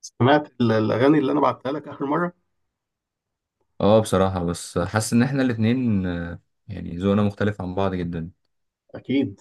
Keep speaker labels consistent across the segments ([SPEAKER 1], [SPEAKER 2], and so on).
[SPEAKER 1] سمعت الاغاني اللي انا بعتها لك اخر مره.
[SPEAKER 2] اه، بصراحة بس حاسس ان احنا الاتنين، يعني ذوقنا مختلف عن بعض جدا.
[SPEAKER 1] اكيد.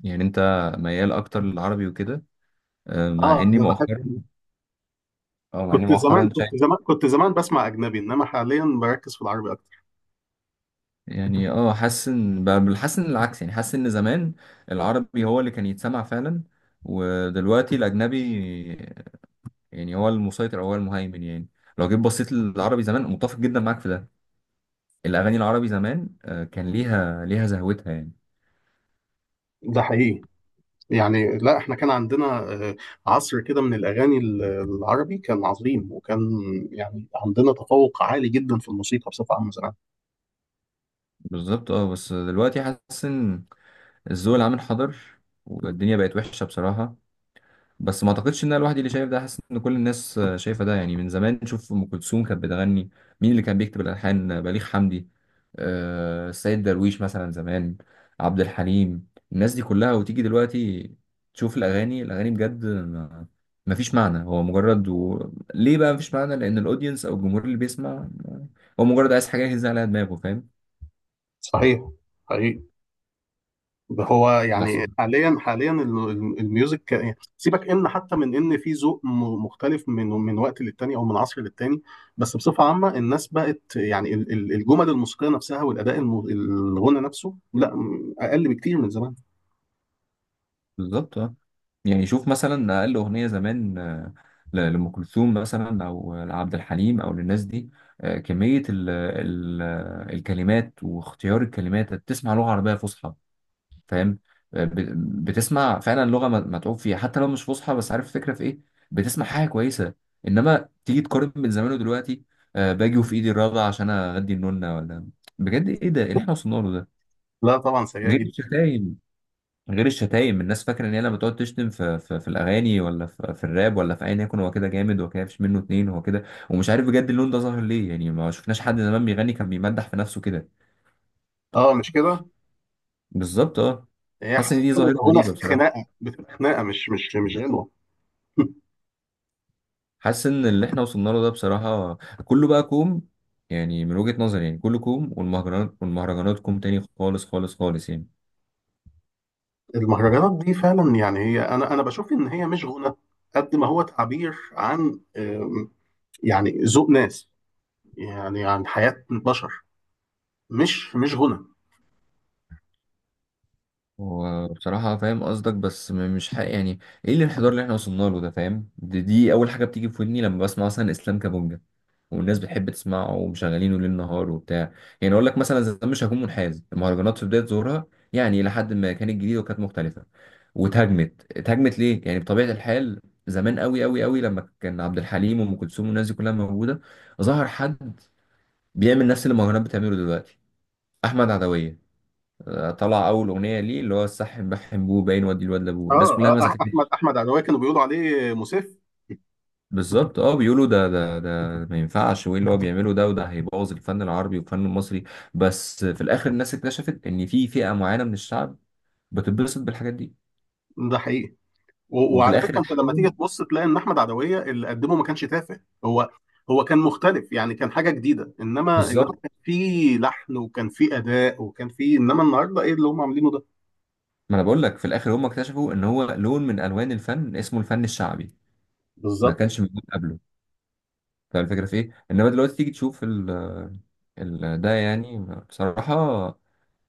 [SPEAKER 2] يعني انت ميال اكتر للعربي وكده. آه، مع
[SPEAKER 1] اه،
[SPEAKER 2] اني
[SPEAKER 1] انا
[SPEAKER 2] مؤخرا
[SPEAKER 1] بحب.
[SPEAKER 2] اه مع اني
[SPEAKER 1] كنت زمان
[SPEAKER 2] مؤخرا
[SPEAKER 1] كنت
[SPEAKER 2] شايف.
[SPEAKER 1] زمان كنت زمان بسمع اجنبي، انما حاليا بركز في العربي اكتر.
[SPEAKER 2] يعني حاسس ان العكس، يعني حاسس ان زمان العربي هو اللي كان يتسمع فعلا، ودلوقتي الاجنبي يعني هو المسيطر او هو المهيمن يعني. لو جيت بصيت للعربي زمان متفق جدا معاك في ده. الاغاني العربي زمان كان ليها زهوتها يعني.
[SPEAKER 1] ده حقيقي. يعني لا، احنا كان عندنا آه، عصر كده من الاغاني العربي كان عظيم، وكان يعني عندنا تفوق عالي جدا في الموسيقى بصفه عامه زمان.
[SPEAKER 2] بالظبط، اه. بس دلوقتي حاسس ان الذوق العام انحدر، والدنيا بقت وحشه بصراحه. بس ما اعتقدش ان انا لوحدي اللي شايف ده، حاسس ان كل الناس شايفه ده يعني. من زمان نشوف ام كلثوم كانت بتغني، مين اللي كان بيكتب الالحان؟ بليغ حمدي، السيد درويش مثلا زمان، عبد الحليم، الناس دي كلها. وتيجي دلوقتي تشوف الاغاني، الاغاني بجد ما فيش معنى، ليه بقى ما فيش معنى؟ لان الاودينس او الجمهور اللي بيسمع هو مجرد عايز حاجه يهز عليها دماغه، فاهم.
[SPEAKER 1] صحيح. حقيقي. هو
[SPEAKER 2] بس.
[SPEAKER 1] يعني حاليا الميوزك، سيبك ان حتى من ان في ذوق مختلف من وقت للتاني او من عصر للتاني. بس بصفه عامه الناس بقت، يعني الجمل الموسيقيه نفسها والاداء الغنى نفسه، لا اقل بكتير من زمان.
[SPEAKER 2] بالظبط، اه. يعني شوف مثلا اقل اغنيه زمان لام كلثوم مثلا، او لعبد الحليم، او للناس دي. كميه ال ال الكلمات واختيار الكلمات، بتسمع لغه عربيه فصحى، فاهم. بتسمع فعلا لغه متعوب فيها، حتى لو مش فصحى بس عارف الفكره في ايه. بتسمع حاجه كويسه، انما تيجي تقارن بين زمان ودلوقتي. باجي وفي ايدي الرابعه عشان اغدي النونه ولا، بجد ايه ده؟ ايه اللي احنا وصلنا له ده؟
[SPEAKER 1] لا طبعا، سيئه
[SPEAKER 2] غير
[SPEAKER 1] جدا.
[SPEAKER 2] الشتايم، غير الشتايم الناس فاكره ان هي لما تقعد تشتم في الاغاني، ولا في الراب، ولا في ايا يكن، هو كده جامد، هو كده مفيش منه اتنين، هو كده. ومش عارف بجد اللون ده ظاهر ليه، يعني ما شفناش حد زمان بيغني كان بيمدح في نفسه كده.
[SPEAKER 1] اه، مش كده.
[SPEAKER 2] بالظبط، اه.
[SPEAKER 1] هي
[SPEAKER 2] حاسس ان
[SPEAKER 1] حاليا
[SPEAKER 2] دي ظاهره
[SPEAKER 1] الغنى
[SPEAKER 2] غريبه بصراحه.
[SPEAKER 1] خناقه، بتبقى خناقه مش غنوه.
[SPEAKER 2] حاسس ان اللي احنا وصلنا له ده بصراحه كله بقى كوم. يعني من وجهه نظري، يعني كله كوم، والمهرجانات كوم تاني، خالص خالص خالص يعني.
[SPEAKER 1] المهرجانات دي فعلا، يعني هي انا بشوف ان هي مش غنى، قد ما هو تعبير عن، يعني ذوق ناس، يعني عن حياة بشر، مش غنى.
[SPEAKER 2] وبصراحة فاهم قصدك، بس مش حق يعني. ايه الانحدار اللي احنا وصلنا له ده؟ فاهم، دي اول حاجة بتيجي في ودني لما بسمع مثلا اسلام كابونجا، والناس بتحب تسمعه ومشغلينه ليل نهار وبتاع. يعني اقول لك، مثلا زمان مش هكون منحاز، المهرجانات في بدايه ظهورها يعني الى حد ما كانت جديده وكانت مختلفه. اتهاجمت ليه يعني بطبيعه الحال. زمان قوي قوي قوي، لما كان عبد الحليم وام كلثوم والناس دي كلها موجوده، ظهر حد بيعمل نفس اللي المهرجانات بتعمله دلوقتي، احمد عدويه. طلع اول اغنيه ليه، اللي هو السح بحم بوه باين ودي الواد لابوه، الناس كلها
[SPEAKER 1] اه.
[SPEAKER 2] ما
[SPEAKER 1] احمد
[SPEAKER 2] سكتتش.
[SPEAKER 1] احمد عدوية كانوا بيقولوا عليه مسيف.
[SPEAKER 2] بالظبط، اه. بيقولوا ده ما ينفعش، وايه اللي هو بيعمله ده، وده هيبوظ الفن العربي والفن المصري. بس في الاخر الناس اكتشفت ان في فئة معينة من الشعب بتتبسط بالحاجات دي،
[SPEAKER 1] ده حقيقي.
[SPEAKER 2] وفي
[SPEAKER 1] وعلى
[SPEAKER 2] الاخر
[SPEAKER 1] فكره انت لما
[SPEAKER 2] اتحول.
[SPEAKER 1] تيجي تبص، تلاقي ان احمد عدويه اللي قدمه ما كانش تافه هو. هو كان مختلف، يعني كان حاجه جديده، انما
[SPEAKER 2] بالظبط.
[SPEAKER 1] كان في لحن وكان في اداء وكان في، انما النهارده ايه اللي هم عاملينه ده؟
[SPEAKER 2] ما انا بقول لك، في الاخر هم اكتشفوا ان هو لون من الوان الفن اسمه الفن الشعبي، ما
[SPEAKER 1] بالظبط.
[SPEAKER 2] كانش موجود قبله. فالفكرة في ايه؟ انما دلوقتي تيجي تشوف ده يعني، بصراحة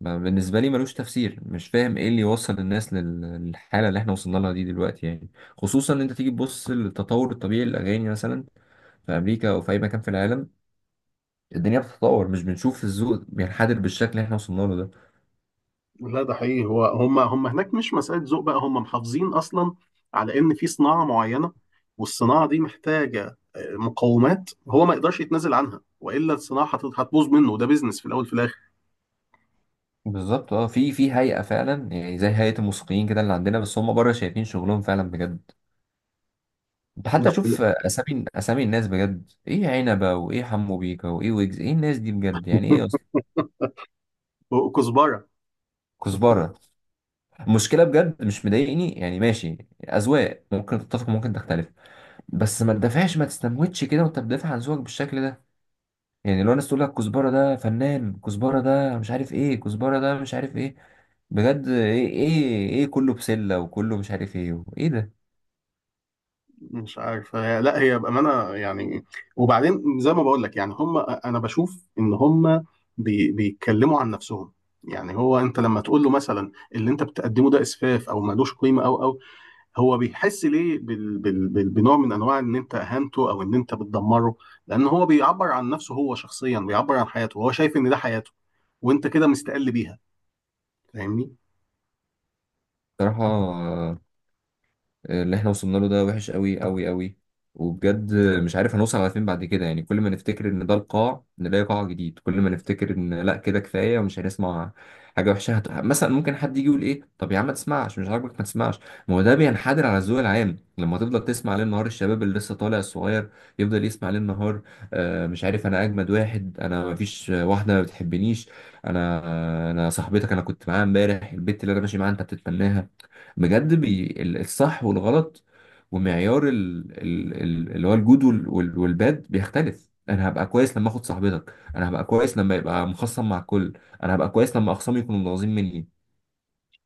[SPEAKER 2] بالنسبة لي ملوش تفسير، مش فاهم ايه اللي يوصل الناس للحالة اللي احنا وصلنا لها دي دلوقتي يعني. خصوصا ان انت تيجي تبص للتطور الطبيعي للأغاني مثلا في أمريكا أو في أي مكان في العالم، الدنيا بتتطور، مش بنشوف الذوق بينحدر بالشكل اللي احنا وصلنا له ده.
[SPEAKER 1] لا، ده حقيقي، هو هم هناك مش مسألة ذوق بقى، هم محافظين أصلا على إن في صناعة معينة، والصناعة دي محتاجة مقومات هو ما يقدرش يتنازل عنها، وإلا الصناعة هتبوظ منه، ده بيزنس في الأول في الآخر.
[SPEAKER 2] بالظبط، اه. في هيئة فعلا يعني، زي هيئة الموسيقيين كده اللي عندنا، بس هم بره شايفين شغلهم فعلا بجد. انت
[SPEAKER 1] ده
[SPEAKER 2] حتى شوف
[SPEAKER 1] حقيقي.
[SPEAKER 2] أسامي أسامي الناس بجد، ايه عنبة وايه حمو بيكا وايه ويجز، ايه الناس دي بجد، يعني ايه أصلا؟
[SPEAKER 1] وكزبرة.
[SPEAKER 2] كزبرة. المشكله بجد مش مضايقني يعني، ماشي، اذواق ممكن تتفق ممكن تختلف. بس ما تدافعش، ما تستموتش كده وانت بتدافع عن ذوقك بالشكل ده. يعني لو الناس تقول لك كزبره ده فنان، كزبره ده مش عارف ايه، كزبره ده مش عارف ايه. بجد ايه كله بسله، وكله مش عارف ايه، ايه ده؟
[SPEAKER 1] مش عارف لا، هي بأمانة يعني. وبعدين زي ما بقول لك، يعني هم، أنا بشوف إن هم بيتكلموا عن نفسهم. يعني هو أنت لما تقول له مثلا اللي أنت بتقدمه ده إسفاف أو ملوش قيمة أو. هو بيحس ليه بنوع من انواع ان انت اهنته، او ان انت بتدمره، لان هو بيعبر عن نفسه، هو شخصيا بيعبر عن حياته، هو شايف ان ده حياته، وانت كده مستقل بيها. فاهمني؟
[SPEAKER 2] بصراحه اللي احنا وصلنا له ده وحش قوي قوي قوي. وبجد مش عارف هنوصل على فين بعد كده يعني، كل ما نفتكر ان ده القاع نلاقي قاع جديد، كل ما نفتكر ان لا كده كفايه ومش هنسمع حاجه وحشه مثلا ممكن حد يجي يقول ايه، طب يا عم ما تسمعش مش عاجبك ما تسمعش. ما هو ده بينحدر على الذوق العام، لما تفضل تسمع ليل نهار، الشباب اللي لسه طالع الصغير يفضل يسمع ليل نهار، آه مش عارف انا اجمد واحد، انا ما فيش واحده ما بتحبنيش، انا صاحبتك، انا كنت معاها امبارح البت اللي انا ماشي معاها انت بتتمناها. بجد الصح والغلط، ومعيار اللي هو الجود والباد بيختلف. انا هبقى كويس لما اخد صاحبتك، انا هبقى كويس لما يبقى مخصم مع الكل، انا هبقى كويس لما اخصامي يكونوا متغاظين مني،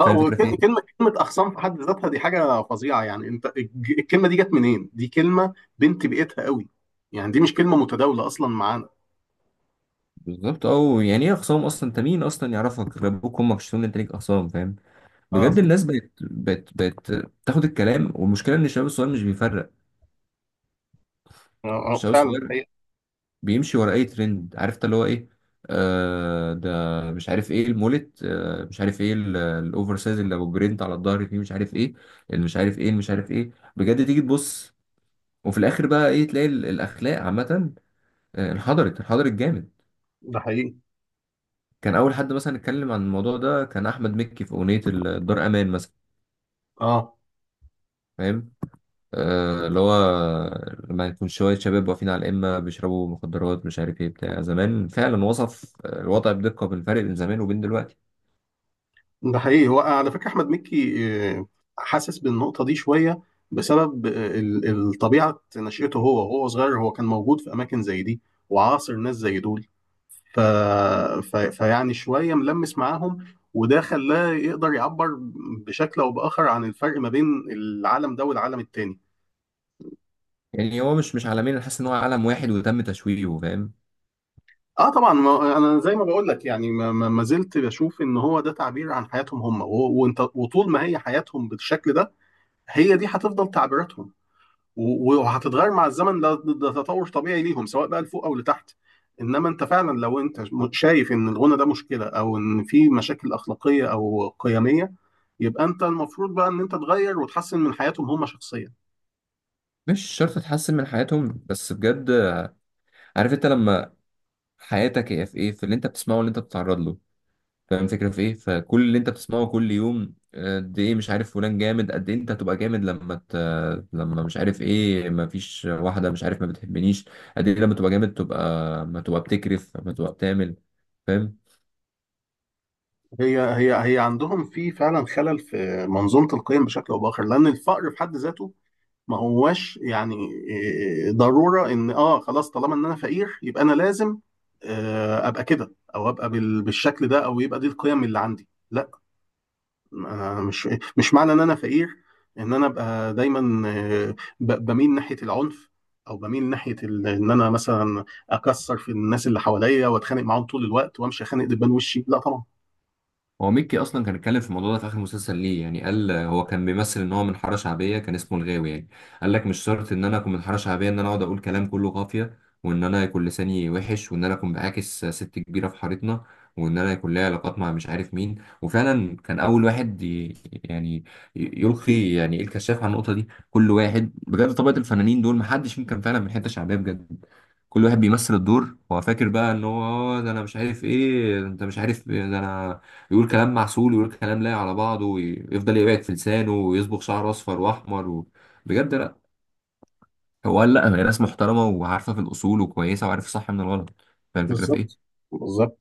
[SPEAKER 1] اه،
[SPEAKER 2] فاهم الفكره في ايه.
[SPEAKER 1] وكلمه اخصام في حد ذاتها دي حاجه فظيعه، يعني انت الكلمه دي جت منين؟ دي كلمه بنت بيئتها قوي، يعني دي مش كلمه متداوله اصلا معانا.
[SPEAKER 2] بالظبط، او يعني ايه اخصام اصلا؟ انت مين اصلا يعرفك غير ابوك وامك؟ شتون انت ليك اخصام؟ فاهم.
[SPEAKER 1] اه،
[SPEAKER 2] بجد
[SPEAKER 1] صح.
[SPEAKER 2] الناس بقت تاخد الكلام، والمشكله ان الشباب الصغير مش بيفرق. الشباب
[SPEAKER 1] فعلا، ده
[SPEAKER 2] الصغير
[SPEAKER 1] حقيقي.
[SPEAKER 2] بيمشي ورا اي ترند، عرفت اللي هو ايه؟ ده مش عارف ايه المولت، مش عارف ايه الاوفر سايز اللي ابو جرينت على الظهر فيه، مش عارف ايه، اللي مش عارف ايه، اللي مش عارف ايه. بجد تيجي تبص وفي الاخر بقى ايه؟ تلاقي الاخلاق عامه انحدرت انحدرت جامد.
[SPEAKER 1] ده حقيقي.
[SPEAKER 2] كان اول حد مثلا اتكلم عن الموضوع ده كان احمد مكي في اغنيه الدار امان مثلا.
[SPEAKER 1] اه.
[SPEAKER 2] فاهم، اللي هو لما يكون شويه شباب واقفين على القمه بيشربوا مخدرات مش عارف ايه بتاع زمان، فعلا وصف الوضع بدقه، بالفرق بين زمان وبين دلوقتي.
[SPEAKER 1] ده حقيقي. هو على فكرة أحمد مكي آه، حاسس بالنقطة دي شوية، بسبب الطبيعة نشأته، هو وهو صغير هو كان موجود في أماكن زي دي، وعاصر ناس زي دول، ف... فيعني شوية ملمس معاهم، وده خلاه يقدر يعبر بشكل أو بآخر عن الفرق ما بين العالم ده والعالم التاني.
[SPEAKER 2] يعني هو مش عالمين، انا حاسس ان هو عالم واحد وتم تشويهه، فاهم.
[SPEAKER 1] اه طبعا، ما انا زي ما بقول لك، يعني ما زلت بشوف ان هو ده تعبير عن حياتهم هم. وانت، وطول ما هي حياتهم بالشكل ده، هي دي هتفضل تعبيراتهم، وهتتغير مع الزمن، ده تطور طبيعي ليهم، سواء بقى لفوق او لتحت. انما انت فعلا، لو انت شايف ان الغنى ده مشكله، او ان في مشاكل اخلاقيه او قيميه، يبقى انت المفروض بقى ان انت تغير وتحسن من حياتهم هم شخصيا.
[SPEAKER 2] مش شرط تحسن من حياتهم بس بجد، عارف انت لما حياتك هي في ايه، في اللي انت بتسمعه واللي انت بتتعرض له، فاهم الفكره في ايه. فكل اللي انت بتسمعه كل يوم قد ايه مش عارف فلان جامد، قد ايه انت هتبقى جامد لما مش عارف ايه، ما فيش واحده مش عارف ما بتحبنيش، قد ايه لما تبقى جامد، تبقى ما تبقى بتكرف، ما تبقى بتعمل، فاهم.
[SPEAKER 1] هي عندهم في فعلا خلل في منظومه القيم بشكل او باخر، لان الفقر في حد ذاته ما هواش، يعني إيه، ضروره ان، اه خلاص، طالما ان انا فقير يبقى انا لازم ابقى كده، او ابقى بالشكل ده، او يبقى دي القيم اللي عندي. لا، ما- مش مش معنى ان انا فقير ان انا ابقى دايما بميل ناحيه العنف، او بميل ناحيه ان انا مثلا اكسر في الناس اللي حواليا واتخانق معاهم طول الوقت، وامشي اخانق دبان وشي، لا طبعا.
[SPEAKER 2] هو ميكي اصلا كان اتكلم في الموضوع ده في اخر مسلسل ليه يعني، قال هو كان بيمثل ان هو من حاره شعبيه، كان اسمه الغاوي يعني. قال لك مش شرط ان انا اكون من حاره شعبيه ان انا اقعد اقول كلام كله قافيه، وان انا يكون لساني وحش، وان انا اكون بعاكس ست كبيره في حارتنا، وان انا يكون ليا علاقات مع مش عارف مين. وفعلا كان اول واحد يعني ي- يلقي يعني إيه الكشاف على النقطه دي. كل واحد بجد، طبقه الفنانين دول محدش فيهم كان فعلا من حته شعبيه بجد. كل واحد بيمثل الدور، هو فاكر بقى ان هو ده انا مش عارف ايه، ده انت مش عارف إيه، ده انا يقول كلام معسول، ويقول كلام لايق على بعضه، ويفضل يقعد في لسانه، ويصبغ شعره اصفر واحمر بجد لا. هو قال لا، هي ناس محترمه وعارفه في الاصول وكويسه وعارفه الصح من الغلط، فاهم الفكره في
[SPEAKER 1] بالظبط،
[SPEAKER 2] ايه؟
[SPEAKER 1] بالظبط.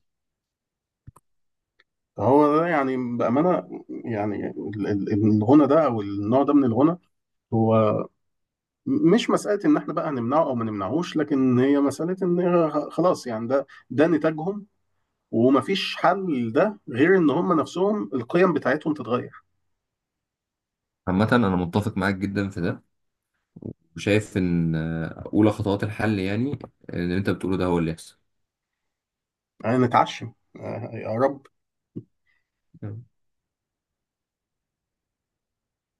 [SPEAKER 1] هو ده، يعني بامانه، يعني الغنى ده او النوع ده من الغنى هو مش مساله ان احنا بقى هنمنعه او ما نمنعهوش، لكن هي مساله ان خلاص، يعني ده نتاجهم، ومفيش حل ده غير ان هم نفسهم القيم بتاعتهم تتغير.
[SPEAKER 2] عامة أنا متفق معاك جدا في ده، وشايف إن أولى خطوات الحل يعني اللي أنت بتقوله ده هو اللي يحصل.
[SPEAKER 1] يعني نتعشم، يا رب.
[SPEAKER 2] تمام.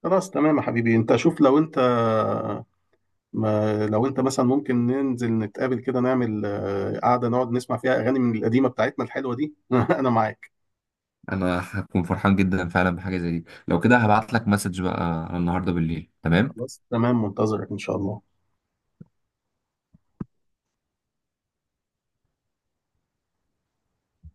[SPEAKER 1] خلاص تمام يا حبيبي. انت شوف، لو انت ما لو انت مثلا ممكن ننزل نتقابل كده، نعمل قعده نقعد نسمع فيها اغاني من القديمه بتاعتنا الحلوه دي. انا معاك.
[SPEAKER 2] أنا هكون فرحان جدا فعلا بحاجة زي دي، لو كده هبعت لك مسج بقى النهاردة بالليل، تمام؟
[SPEAKER 1] خلاص تمام، منتظرك ان شاء الله.